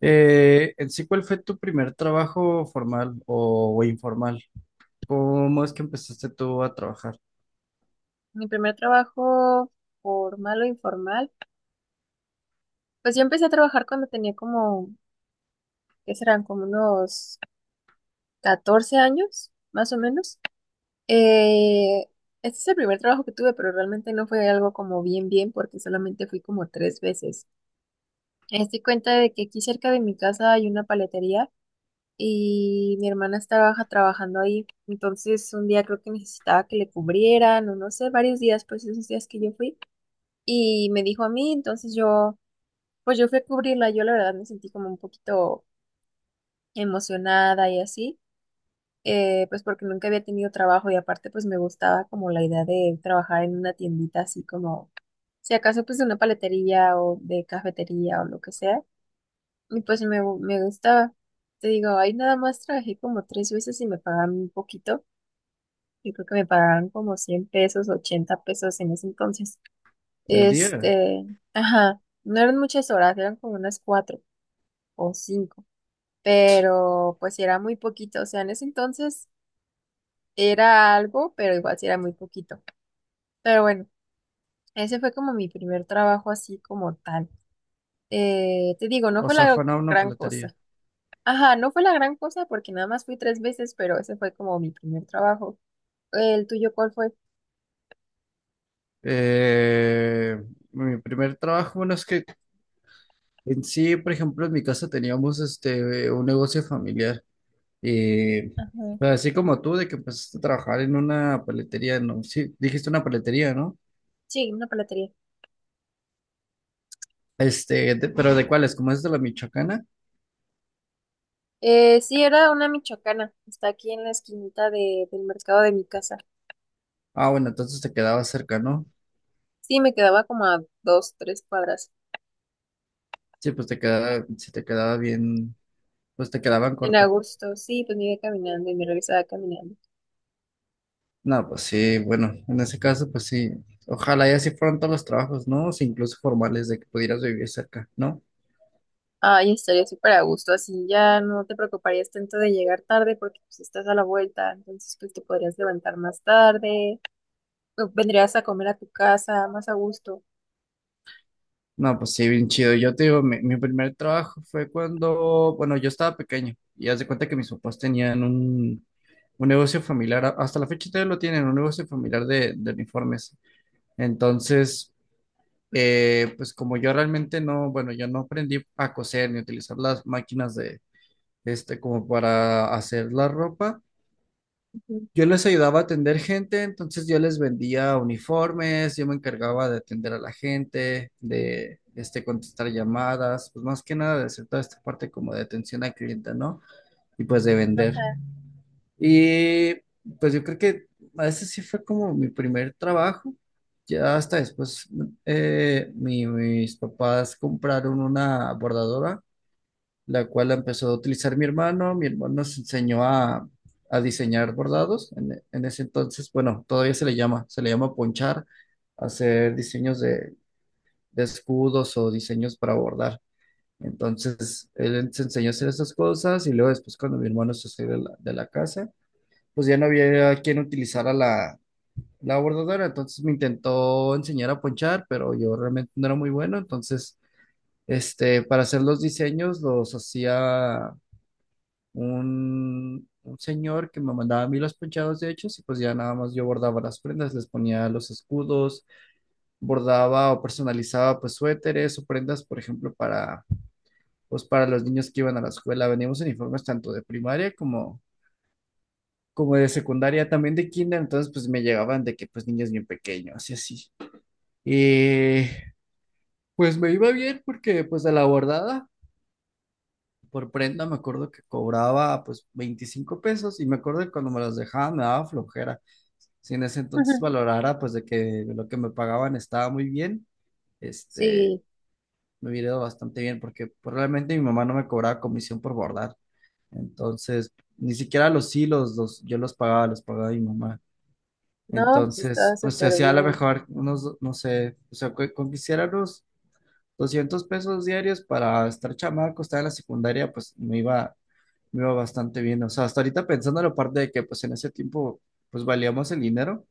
En sí, ¿cuál fue tu primer trabajo formal o informal? ¿Cómo es que empezaste tú a trabajar? Mi primer trabajo formal o informal, pues yo empecé a trabajar cuando tenía como, ¿qué serán? Como unos 14 años, más o menos. Eh, este es el primer trabajo que tuve, pero realmente no fue algo como bien, bien, porque solamente fui como tres veces. Me di cuenta de que aquí cerca de mi casa hay una paletería y mi hermana estaba trabajando ahí. Entonces un día creo que necesitaba que le cubrieran o no sé, varios días, pues esos días que yo fui. Y me dijo a mí, entonces yo pues yo fui a cubrirla. Yo la verdad me sentí como un poquito emocionada y así. Pues porque nunca había tenido trabajo y aparte pues me gustaba como la idea de trabajar en una tiendita, así como, si acaso pues de una paletería o de cafetería o lo que sea, y pues me gustaba. Te digo, ahí nada más trabajé como tres veces y me pagaban un poquito. Yo creo que me pagaban como 100 pesos, 80 pesos en ese entonces. ¿El día? Este, ajá, no eran muchas horas, eran como unas cuatro o cinco. Pero pues sí era muy poquito, o sea, en ese entonces era algo, pero igual sí era muy poquito. Pero bueno, ese fue como mi primer trabajo así como tal. Te digo, no O fue sea, la fue en una gran paletería. cosa. Ajá, no fue la gran cosa porque nada más fui tres veces, pero ese fue como mi primer trabajo. ¿El tuyo cuál fue? Eh, Mi primer trabajo, bueno, es que en sí, por ejemplo, en mi casa teníamos este, un negocio familiar. Y Ajá. pues, así como tú, de que empezaste a trabajar en una paletería, ¿no? Sí, dijiste una paletería, ¿no? Sí, una paletería. Este, pero ¿de cuáles? ¿Cómo es de la Michoacana? Sí, era una michoacana. Está aquí en la esquinita del mercado de mi casa. Ah, bueno, entonces te quedaba cerca, ¿no? Sí, me quedaba como a dos, tres cuadras. Sí, pues te quedaba, si te quedaba bien, pues te quedaban En corto. agosto, sí, pues me iba caminando y me regresaba caminando. No, pues sí, bueno, en ese caso, pues sí. Ojalá y así fueran todos los trabajos, ¿no? O sea, incluso formales de que pudieras vivir cerca, ¿no? Ay, estaría súper a gusto, así ya no te preocuparías tanto de llegar tarde porque pues estás a la vuelta, entonces pues te podrías levantar más tarde, o vendrías a comer a tu casa más a gusto. No, pues sí, bien chido. Yo te digo, mi primer trabajo fue cuando, bueno, yo estaba pequeño y haz de cuenta que mis papás tenían un negocio familiar, hasta la fecha todavía lo tienen, un negocio familiar de uniformes. Entonces, pues como yo realmente no, bueno, yo no aprendí a coser ni a utilizar las máquinas este, como para hacer la ropa. Ujú. Yo les ayudaba a atender gente, entonces yo les vendía uniformes, yo me encargaba de atender a la gente, de, este, contestar llamadas, pues más que nada de hacer toda esta parte como de atención al cliente, ¿no? Y pues de Ajá. vender. Y pues yo creo que ese sí fue como mi primer trabajo. Ya hasta después mis papás compraron una bordadora, la cual la empezó a utilizar mi hermano. Mi hermano nos enseñó a diseñar bordados. En ese entonces, bueno, todavía se le llama ponchar, hacer diseños de escudos o diseños para bordar. Entonces, él se enseñó a hacer esas cosas y luego después cuando mi hermano se salió de de la casa, pues ya no había quien utilizara la bordadora. Entonces me intentó enseñar a ponchar, pero yo realmente no era muy bueno. Entonces, este, para hacer los diseños los hacía un señor que me mandaba a mí los ponchados de hechos y pues ya nada más yo bordaba las prendas, les ponía los escudos, bordaba o personalizaba pues suéteres o prendas, por ejemplo, para pues para los niños que iban a la escuela. Veníamos uniformes tanto de primaria como de secundaria, también de kinder, entonces pues me llegaban de que pues niños bien pequeños y así. Y pues me iba bien porque pues de la bordada por prenda me acuerdo que cobraba pues 25 pesos y me acuerdo que cuando me las dejaban me daba flojera. Si en ese entonces Ujú. valorara pues de que lo que me pagaban estaba muy bien, este, Sí, me hubiera ido bastante bien porque probablemente mi mamá no me cobraba comisión por bordar. Entonces, ni siquiera los hilos los, yo los pagaba mi mamá. no, pues estaba Entonces, pues se súper hacía a lo bien. mejor unos, no sé, o sea, con que hiciera unos 200 pesos diarios para estar chamaco, estar en la secundaria, pues me iba bastante bien. O sea, hasta ahorita pensando en la parte de que pues en ese tiempo pues valíamos el dinero.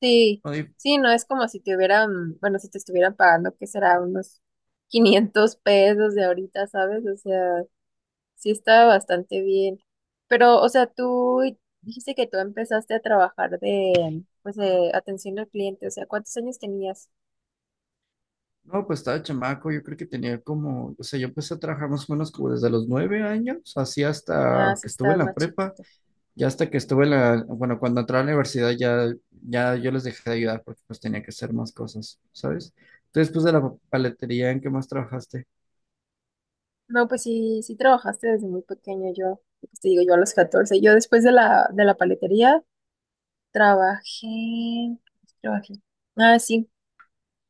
Sí, No, Y, sí, no es como si te hubieran, bueno, si te estuvieran pagando, que será unos 500 pesos de ahorita, ¿sabes? O sea, sí, estaba bastante bien. Pero, o sea, tú dijiste que tú empezaste a trabajar de, pues, de atención al cliente. O sea, ¿cuántos años tenías? no, pues estaba chamaco, yo creo que tenía como, o sea, yo empecé a trabajar más o menos como desde los 9 años, así Ah, hasta sí, que estuve en estabas la más prepa, chiquito. ya hasta que estuve en la, bueno, cuando entré a la universidad ya, ya yo les dejé de ayudar porque pues tenía que hacer más cosas, ¿sabes? Entonces, después de la paletería, ¿en qué más trabajaste? No, pues sí, sí trabajaste desde muy pequeño. Yo, pues te digo, yo a los 14. Yo después de la paletería trabajé, trabajé. Ah, sí.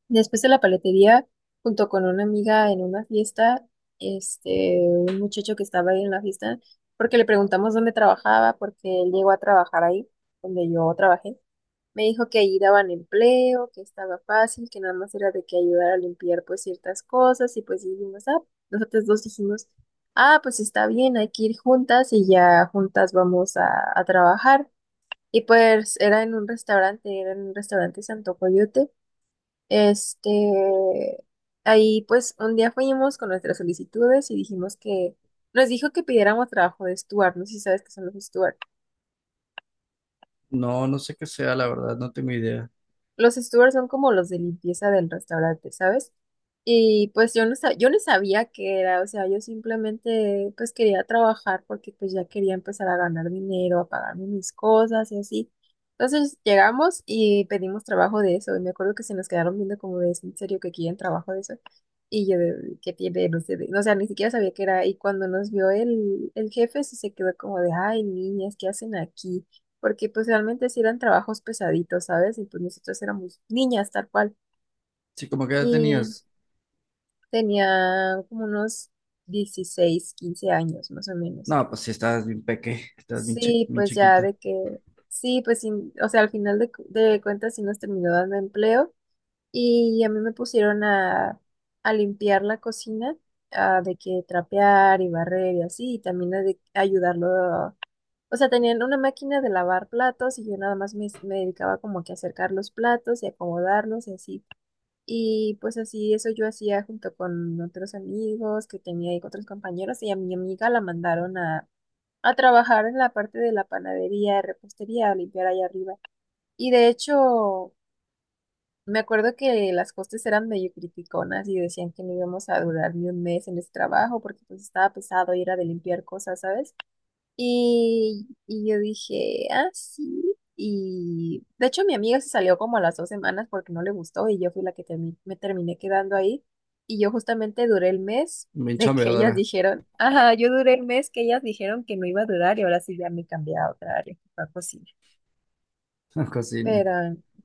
Después de la paletería, junto con una amiga en una fiesta, un muchacho que estaba ahí en la fiesta, porque le preguntamos dónde trabajaba, porque él llegó a trabajar ahí, donde yo trabajé, me dijo que ahí daban empleo, que estaba fácil, que nada más era de que ayudar a limpiar pues ciertas cosas, y pues dijimos, ah, nosotros dos dijimos, ah, pues está bien, hay que ir juntas y ya juntas vamos a trabajar. Y pues era en un restaurante, era en un restaurante Santo Coyote. Este, ahí pues un día fuimos con nuestras solicitudes y dijimos que nos dijo que pidiéramos trabajo de Stuart, no sé si sabes qué son los Stuart. No, no sé qué sea, la verdad, no tengo idea. Los stewards son como los de limpieza del restaurante, ¿sabes? Y pues yo no sabía qué era, o sea, yo simplemente pues quería trabajar porque pues ya quería empezar a ganar dinero, a pagarme mis cosas y así. Entonces llegamos y pedimos trabajo de eso, y me acuerdo que se nos quedaron viendo como de, "¿Es en serio que quieren trabajo de eso?" Y yo de, ¿qué tiene? No sé, de- o sea, ni siquiera sabía qué era, y cuando nos vio el jefe sí se quedó como de, ay, niñas, ¿qué hacen aquí? Porque pues realmente sí eran trabajos pesaditos, ¿sabes? Y pues nosotros éramos niñas tal cual. Sí, como que ya Y tenías. tenía como unos 16, 15 años más o menos. No, pues sí, estás bien peque, estás bien, Sí, bien pues ya chiquita. de que, sí, pues sin- o sea, al final de cuentas sí nos terminó dando empleo y a mí me pusieron a limpiar la cocina, a de que trapear y barrer y así, y también a de ayudarlo. O sea, tenían una máquina de lavar platos y yo nada más me dedicaba como que a acercar los platos y acomodarlos y así. Y pues así eso yo hacía junto con otros amigos que tenía ahí con otros compañeros y a mi amiga la mandaron a trabajar en la parte de la panadería, repostería, a limpiar ahí arriba. Y de hecho, me acuerdo que las costes eran medio criticonas y decían que no íbamos a durar ni un mes en ese trabajo porque pues estaba pesado y era de limpiar cosas, ¿sabes? Y yo dije, ah, sí. Y de hecho mi amiga se salió como a las 2 semanas porque no le gustó y yo fui la que me terminé quedando ahí. Y yo justamente duré el mes Bien de que ellas chambeadora dijeron, ajá, yo duré el mes que ellas dijeron que no iba a durar y ahora sí ya me cambié a otra área, que fue cocina. en cocina. Pero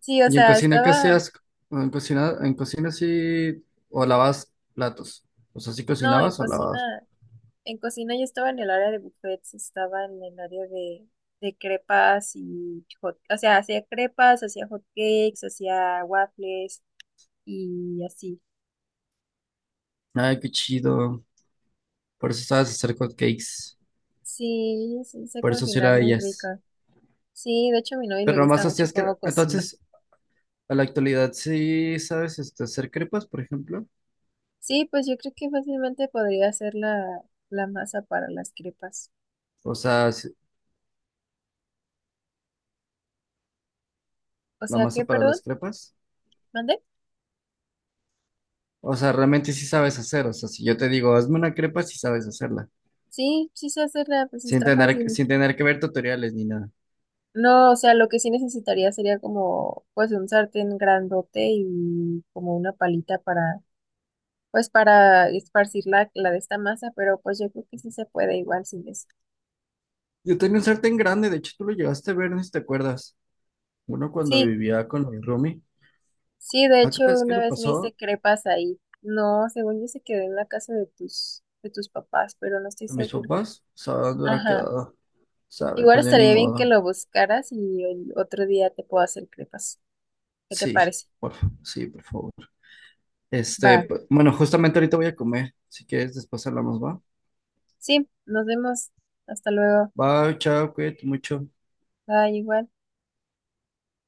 sí, o ¿Y en sea, cocina qué estaba, hacías? ¿O en cocina, sí o lavas platos? O sea, ¿sí no, en cocinabas o lavabas? cocina. En cocina yo estaba en el área de buffets, estaba en el área de, crepas y hot, o sea, hacía crepas, hacía hot cakes, hacía waffles y así. Ay, qué chido. Por eso sabes hacer hot cakes. Sí, sí, sé Por eso sí cocinar era muy ellas. rica. Sí, de hecho a mi novio le Pero gusta nomás mucho hacías que. cómo cocino. Entonces, a la actualidad, sí, ¿sabes este, hacer crepas, por ejemplo? Sí, pues yo creo que fácilmente podría hacer la, masa para las crepas. O sea, O la sea, ¿qué, masa para perdón? las crepas. ¿Mandé? O sea, realmente sí sabes hacer. O sea, si yo te digo, hazme una crepa, sí sabes hacerla. Sí, sí sé hacerla, pues está fácil. Sin tener que ver tutoriales ni nada. No, o sea, lo que sí necesitaría sería como, pues, un sartén grandote y como una palita para, pues, para esparcir la de esta masa, pero pues yo creo que sí se puede igual sin eso. Yo tenía un sartén grande, de hecho tú lo llegaste a ver, no sé si te acuerdas. Uno cuando Sí, vivía con mi roomie. sí, de ¿A qué hecho, crees que una le vez me hice pasó crepas ahí. No, según yo se quedó en la casa de tus papás, pero no estoy a mis segura. papás? O sea, ¿dónde habrá Ajá. quedado? ¿Sabe? Igual Pues ya ni estaría bien que modo. lo buscaras y el otro día te puedo hacer crepas. ¿Qué te Sí, parece? Sí, por favor. Este, Va. Bueno, justamente ahorita voy a comer. Si quieres, después hablamos, ¿va? Sí, nos vemos. Hasta luego. Bye, chao, cuídate mucho. Bye, igual.